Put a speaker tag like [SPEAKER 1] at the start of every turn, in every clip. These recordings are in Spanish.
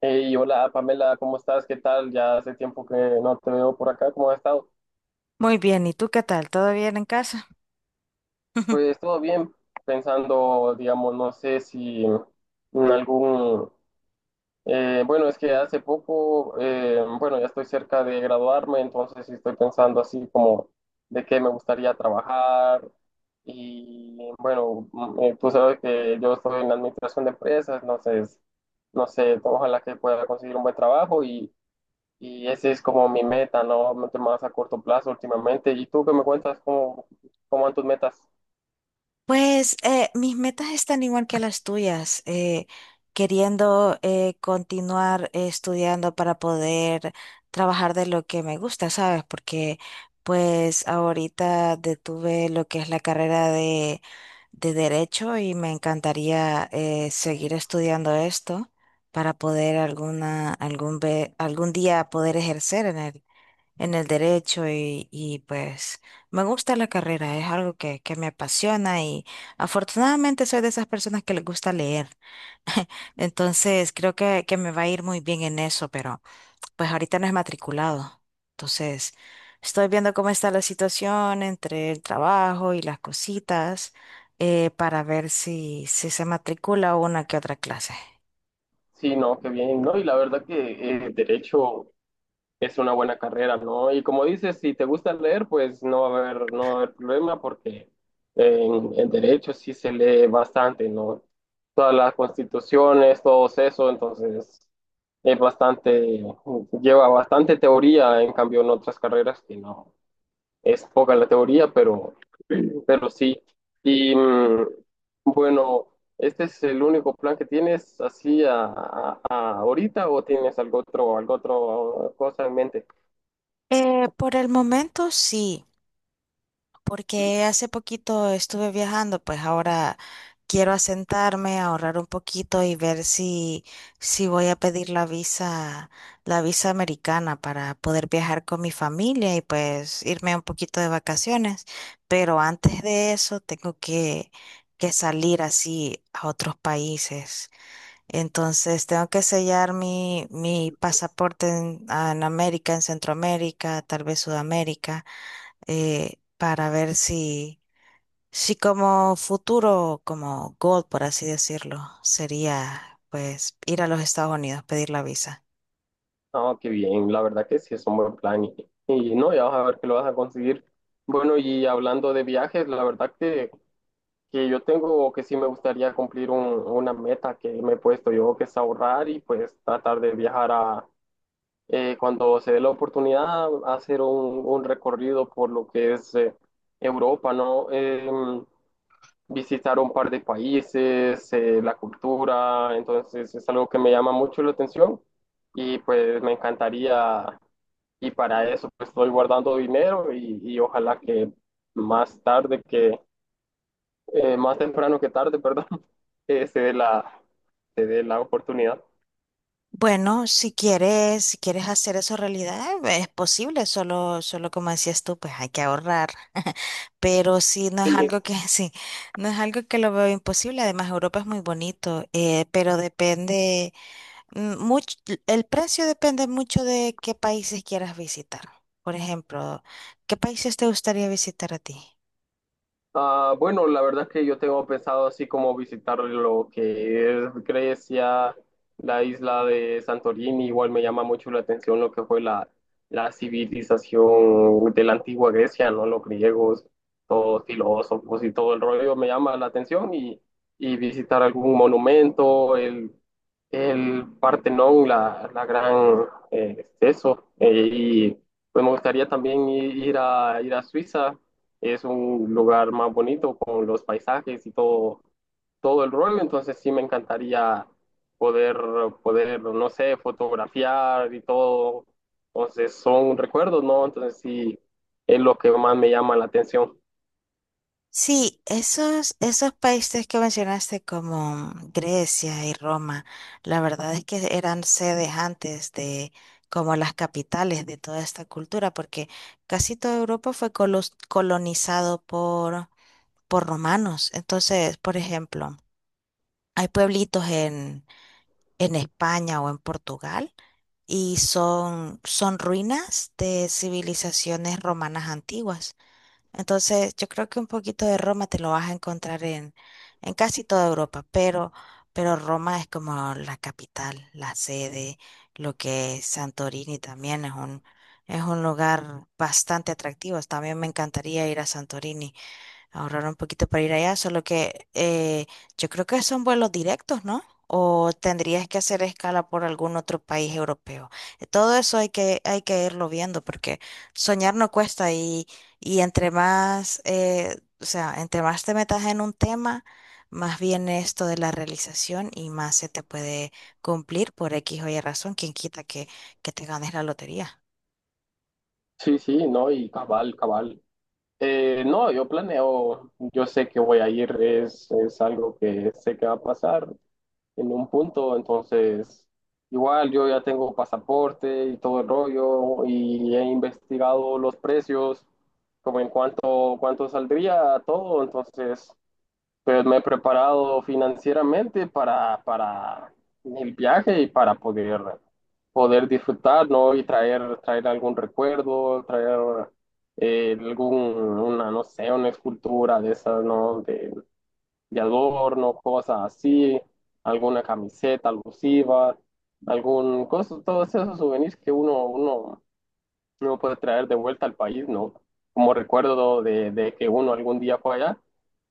[SPEAKER 1] Hey, hola Pamela, ¿cómo estás? ¿Qué tal? Ya hace tiempo que no te veo por acá, ¿cómo has estado?
[SPEAKER 2] Muy bien, ¿y tú qué tal? ¿Todo bien en casa?
[SPEAKER 1] Pues todo bien, pensando, digamos, no sé si en algún... bueno, es que hace poco, bueno, ya estoy cerca de graduarme, entonces sí estoy pensando así como de qué me gustaría trabajar y bueno, tú sabes que yo estoy en la administración de empresas, entonces, no sé, ojalá que pueda conseguir un buen trabajo. Y ese es como mi meta, ¿no? Más a corto plazo últimamente. ¿Y tú qué me cuentas? ¿Cómo van tus metas?
[SPEAKER 2] Pues mis metas están igual que las tuyas, queriendo continuar estudiando para poder trabajar de lo que me gusta, ¿sabes? Porque pues ahorita detuve lo que es la carrera de derecho y me encantaría seguir estudiando esto para poder algún día poder ejercer en el derecho y pues me gusta la carrera, es algo que me apasiona y afortunadamente soy de esas personas que les gusta leer, entonces creo que me va a ir muy bien en eso, pero pues ahorita no es matriculado, entonces estoy viendo cómo está la situación entre el trabajo y las cositas para ver si se matricula una que otra clase.
[SPEAKER 1] Sí, no, qué bien, ¿no? Y la verdad que derecho es una buena carrera, ¿no? Y como dices, si te gusta leer, pues no va a haber problema porque en derecho sí se lee bastante, ¿no? Todas las constituciones, todo eso, entonces es bastante, lleva bastante teoría, en cambio en otras carreras que no. Es poca la teoría, pero sí. Y mm, bueno, ¿Este es el único plan que tienes así a ahorita o tienes algo otro cosa en mente?
[SPEAKER 2] Por el momento sí. Porque hace poquito estuve viajando, pues ahora quiero asentarme, ahorrar un poquito y ver si voy a pedir la visa americana para poder viajar con mi familia y pues irme un poquito de vacaciones. Pero antes de eso tengo que salir así a otros países. Entonces tengo que sellar mi pasaporte en América, en Centroamérica, tal vez Sudamérica para ver si, si como futuro, como goal, por así decirlo, sería pues ir a los Estados Unidos, pedir la visa.
[SPEAKER 1] Ah, qué bien, la verdad que sí es un buen plan y no, ya vas a ver que lo vas a conseguir. Bueno, y hablando de viajes, la verdad que yo tengo o que sí me gustaría cumplir una meta que me he puesto yo, que es ahorrar y pues tratar de viajar a, cuando se dé la oportunidad, hacer un recorrido por lo que es Europa, ¿no? Visitar un par de países, la cultura, entonces es algo que me llama mucho la atención y pues me encantaría, y para eso pues estoy guardando dinero y ojalá que más tarde que, más temprano que tarde, perdón, eh, se dé la, se dé la oportunidad.
[SPEAKER 2] Bueno, si quieres, si quieres hacer eso realidad, es posible, solo, solo como decías tú, pues hay que ahorrar. Pero sí, no es
[SPEAKER 1] Sí.
[SPEAKER 2] algo que, sí, no es algo que lo veo imposible. Además, Europa es muy bonito, pero depende. Mm, much- el precio depende mucho de qué países quieras visitar. Por ejemplo, ¿qué países te gustaría visitar a ti?
[SPEAKER 1] Ah, bueno, la verdad es que yo tengo pensado así como visitar lo que es Grecia, la isla de Santorini, igual me llama mucho la atención lo que fue la civilización de la antigua Grecia, ¿no? Los griegos, todos filósofos y todo el rollo me llama la atención y visitar algún monumento, el Partenón, la gran y pues me gustaría también ir a Suiza, es un lugar más bonito con los paisajes y todo, todo el rollo, entonces sí me encantaría poder, poder, no sé, fotografiar y todo, entonces son recuerdos, ¿no? Entonces sí, es lo que más me llama la atención.
[SPEAKER 2] Sí, esos, esos países que mencionaste como Grecia y Roma, la verdad es que eran sedes antes de como las capitales de toda esta cultura, porque casi toda Europa fue colonizado por romanos. Entonces, por ejemplo, hay pueblitos en España o en Portugal y son, son ruinas de civilizaciones romanas antiguas. Entonces, yo creo que un poquito de Roma te lo vas a encontrar en casi toda Europa, pero Roma es como la capital, la sede, lo que es Santorini también es un lugar bastante atractivo. También me encantaría ir a Santorini, ahorrar un poquito para ir allá, solo que yo creo que son vuelos directos, ¿no? O tendrías que hacer escala por algún otro país europeo. Todo eso hay que irlo viendo porque soñar no cuesta y entre más, o sea, entre más te metas en un tema, más viene esto de la realización y más se te puede cumplir por X o Y razón, quien quita que te ganes la lotería.
[SPEAKER 1] Sí, sí, no, y cabal, cabal. No, yo planeo, yo sé que voy a ir, es algo que sé que va a pasar, en un punto, entonces igual yo ya tengo pasaporte y todo el rollo y he investigado los precios, como en cuánto, cuánto saldría todo, entonces pues me he preparado financieramente para el viaje y para poder, poder disfrutar, ¿no? Y traer, traer algún recuerdo, traer algún, una, no sé, una escultura de esas, ¿no? De adorno, cosas así, alguna camiseta alusiva, algún coso, todos esos souvenirs que uno, uno no puede traer de vuelta al país, ¿no? Como recuerdo de que uno algún día fue allá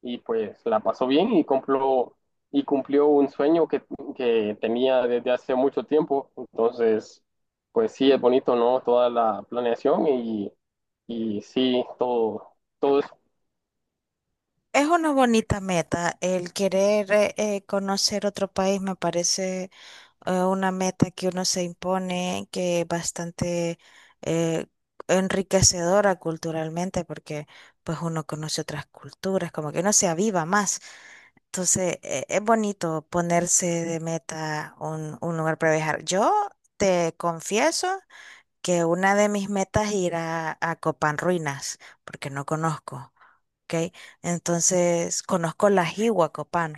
[SPEAKER 1] y pues la pasó bien y cumplió un sueño que tenía desde hace mucho tiempo. Entonces, pues sí, es bonito, ¿no? Toda la planeación y sí, todo. Todo.
[SPEAKER 2] Es una bonita meta. El querer conocer otro país me parece una meta que uno se impone que es bastante eh, enriquecedora culturalmente porque pues uno conoce otras culturas, como que uno se aviva más. Entonces es bonito ponerse de meta un lugar para viajar. Yo te confieso que una de mis metas es ir a Copán Ruinas porque no conozco. ¿Ok? Entonces, conozco la Jiwa Copán,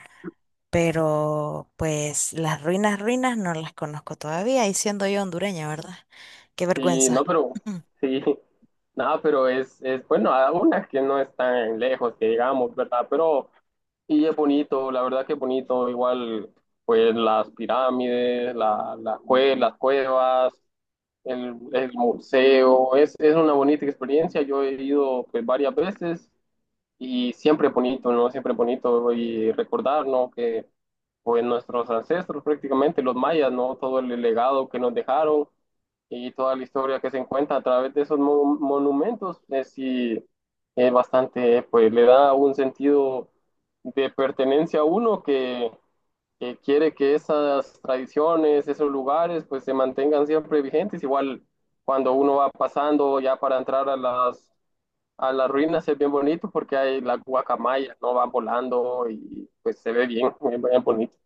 [SPEAKER 2] pero pues las ruinas, ruinas no las conozco todavía, y siendo yo hondureña, ¿verdad? Qué
[SPEAKER 1] Sí, no,
[SPEAKER 2] vergüenza.
[SPEAKER 1] pero sí, nada, pero es bueno, a unas que no están lejos, que digamos, ¿verdad? Pero, y es bonito, la verdad que es bonito, igual, pues las pirámides, las cuevas, el museo, es una bonita experiencia, yo he ido pues varias veces y siempre bonito, ¿no? Siempre bonito y recordar, ¿no? Que pues nuestros ancestros prácticamente, los mayas, ¿no? Todo el legado que nos dejaron y toda la historia que se encuentra a través de esos monumentos es, sí, es bastante, pues le da un sentido de pertenencia a uno que quiere que esas tradiciones, esos lugares, pues se mantengan siempre vigentes. Igual cuando uno va pasando ya para entrar a las ruinas es bien bonito porque hay las guacamayas, ¿no? Van volando y pues se ve bien, bien, bien bonito.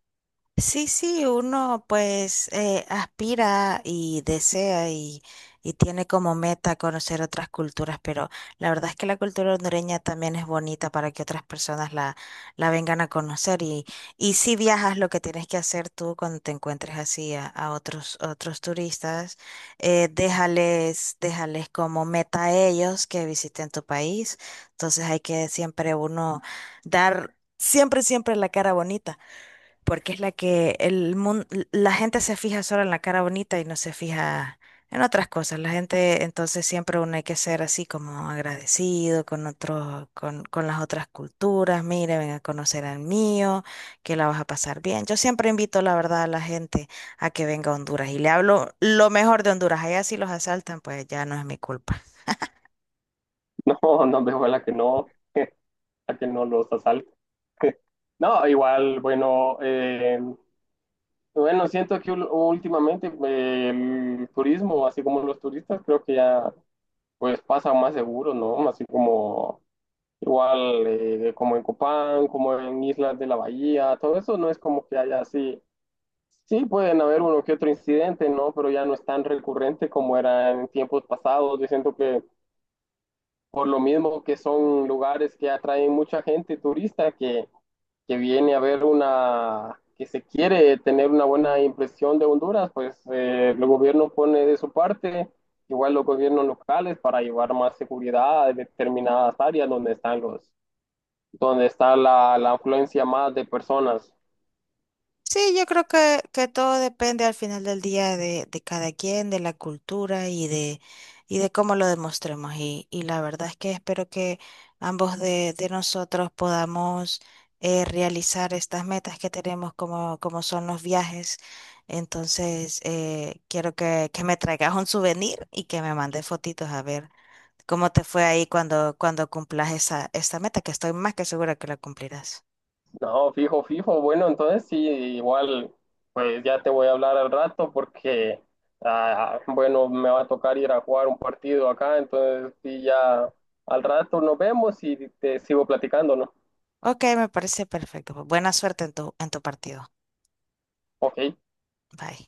[SPEAKER 2] Sí, sí, uno pues aspira y desea y tiene como meta conocer otras culturas, pero la verdad es que la cultura hondureña también es bonita para que otras personas la vengan a conocer y si viajas lo que tienes que hacer tú cuando te encuentres así a otros, otros turistas, déjales, déjales como meta a ellos que visiten tu país, entonces hay que siempre uno dar siempre, siempre la cara bonita porque es la que el mundo, la gente se fija solo en la cara bonita y no se fija en otras cosas. La gente, entonces siempre uno hay que ser así como agradecido con otros, con las otras culturas. Mire, ven a conocer al mío, que la vas a pasar bien. Yo siempre invito, la verdad, a la gente a que venga a Honduras y le hablo lo mejor de Honduras. Allá si los asaltan, pues ya no es mi culpa.
[SPEAKER 1] No, no veo a la que no, a que no los asalte. No, igual, bueno, bueno, siento que últimamente el turismo, así como los turistas, creo que ya pues pasan más seguros, ¿no? Así como igual como en Copán, como en Islas de la Bahía, todo eso no es como que haya así. Sí, pueden haber uno que otro incidente, ¿no? Pero ya no es tan recurrente como era en tiempos pasados. Yo siento que por lo mismo que son lugares que atraen mucha gente turista que viene a ver una, que se quiere tener una buena impresión de Honduras, pues el gobierno pone de su parte, igual los gobiernos locales para llevar más seguridad a determinadas áreas donde están los, donde está la afluencia más de personas.
[SPEAKER 2] Sí, yo creo que todo depende al final del día de cada quien, de la cultura y de cómo lo demostremos. Y la verdad es que espero que ambos de nosotros podamos realizar estas metas que tenemos como, como son los viajes. Entonces, quiero que me traigas un souvenir y que me mandes fotitos a ver cómo te fue ahí cuando, cuando cumplas esa, esta meta, que estoy más que segura que la cumplirás.
[SPEAKER 1] No, fijo, fijo. Bueno, entonces sí, igual, pues ya te voy a hablar al rato porque, ah, bueno, me va a tocar ir a jugar un partido acá, entonces sí, ya al rato nos vemos y te sigo platicando, ¿no?
[SPEAKER 2] Ok, me parece perfecto. Buena suerte en tu partido.
[SPEAKER 1] Ok.
[SPEAKER 2] Bye.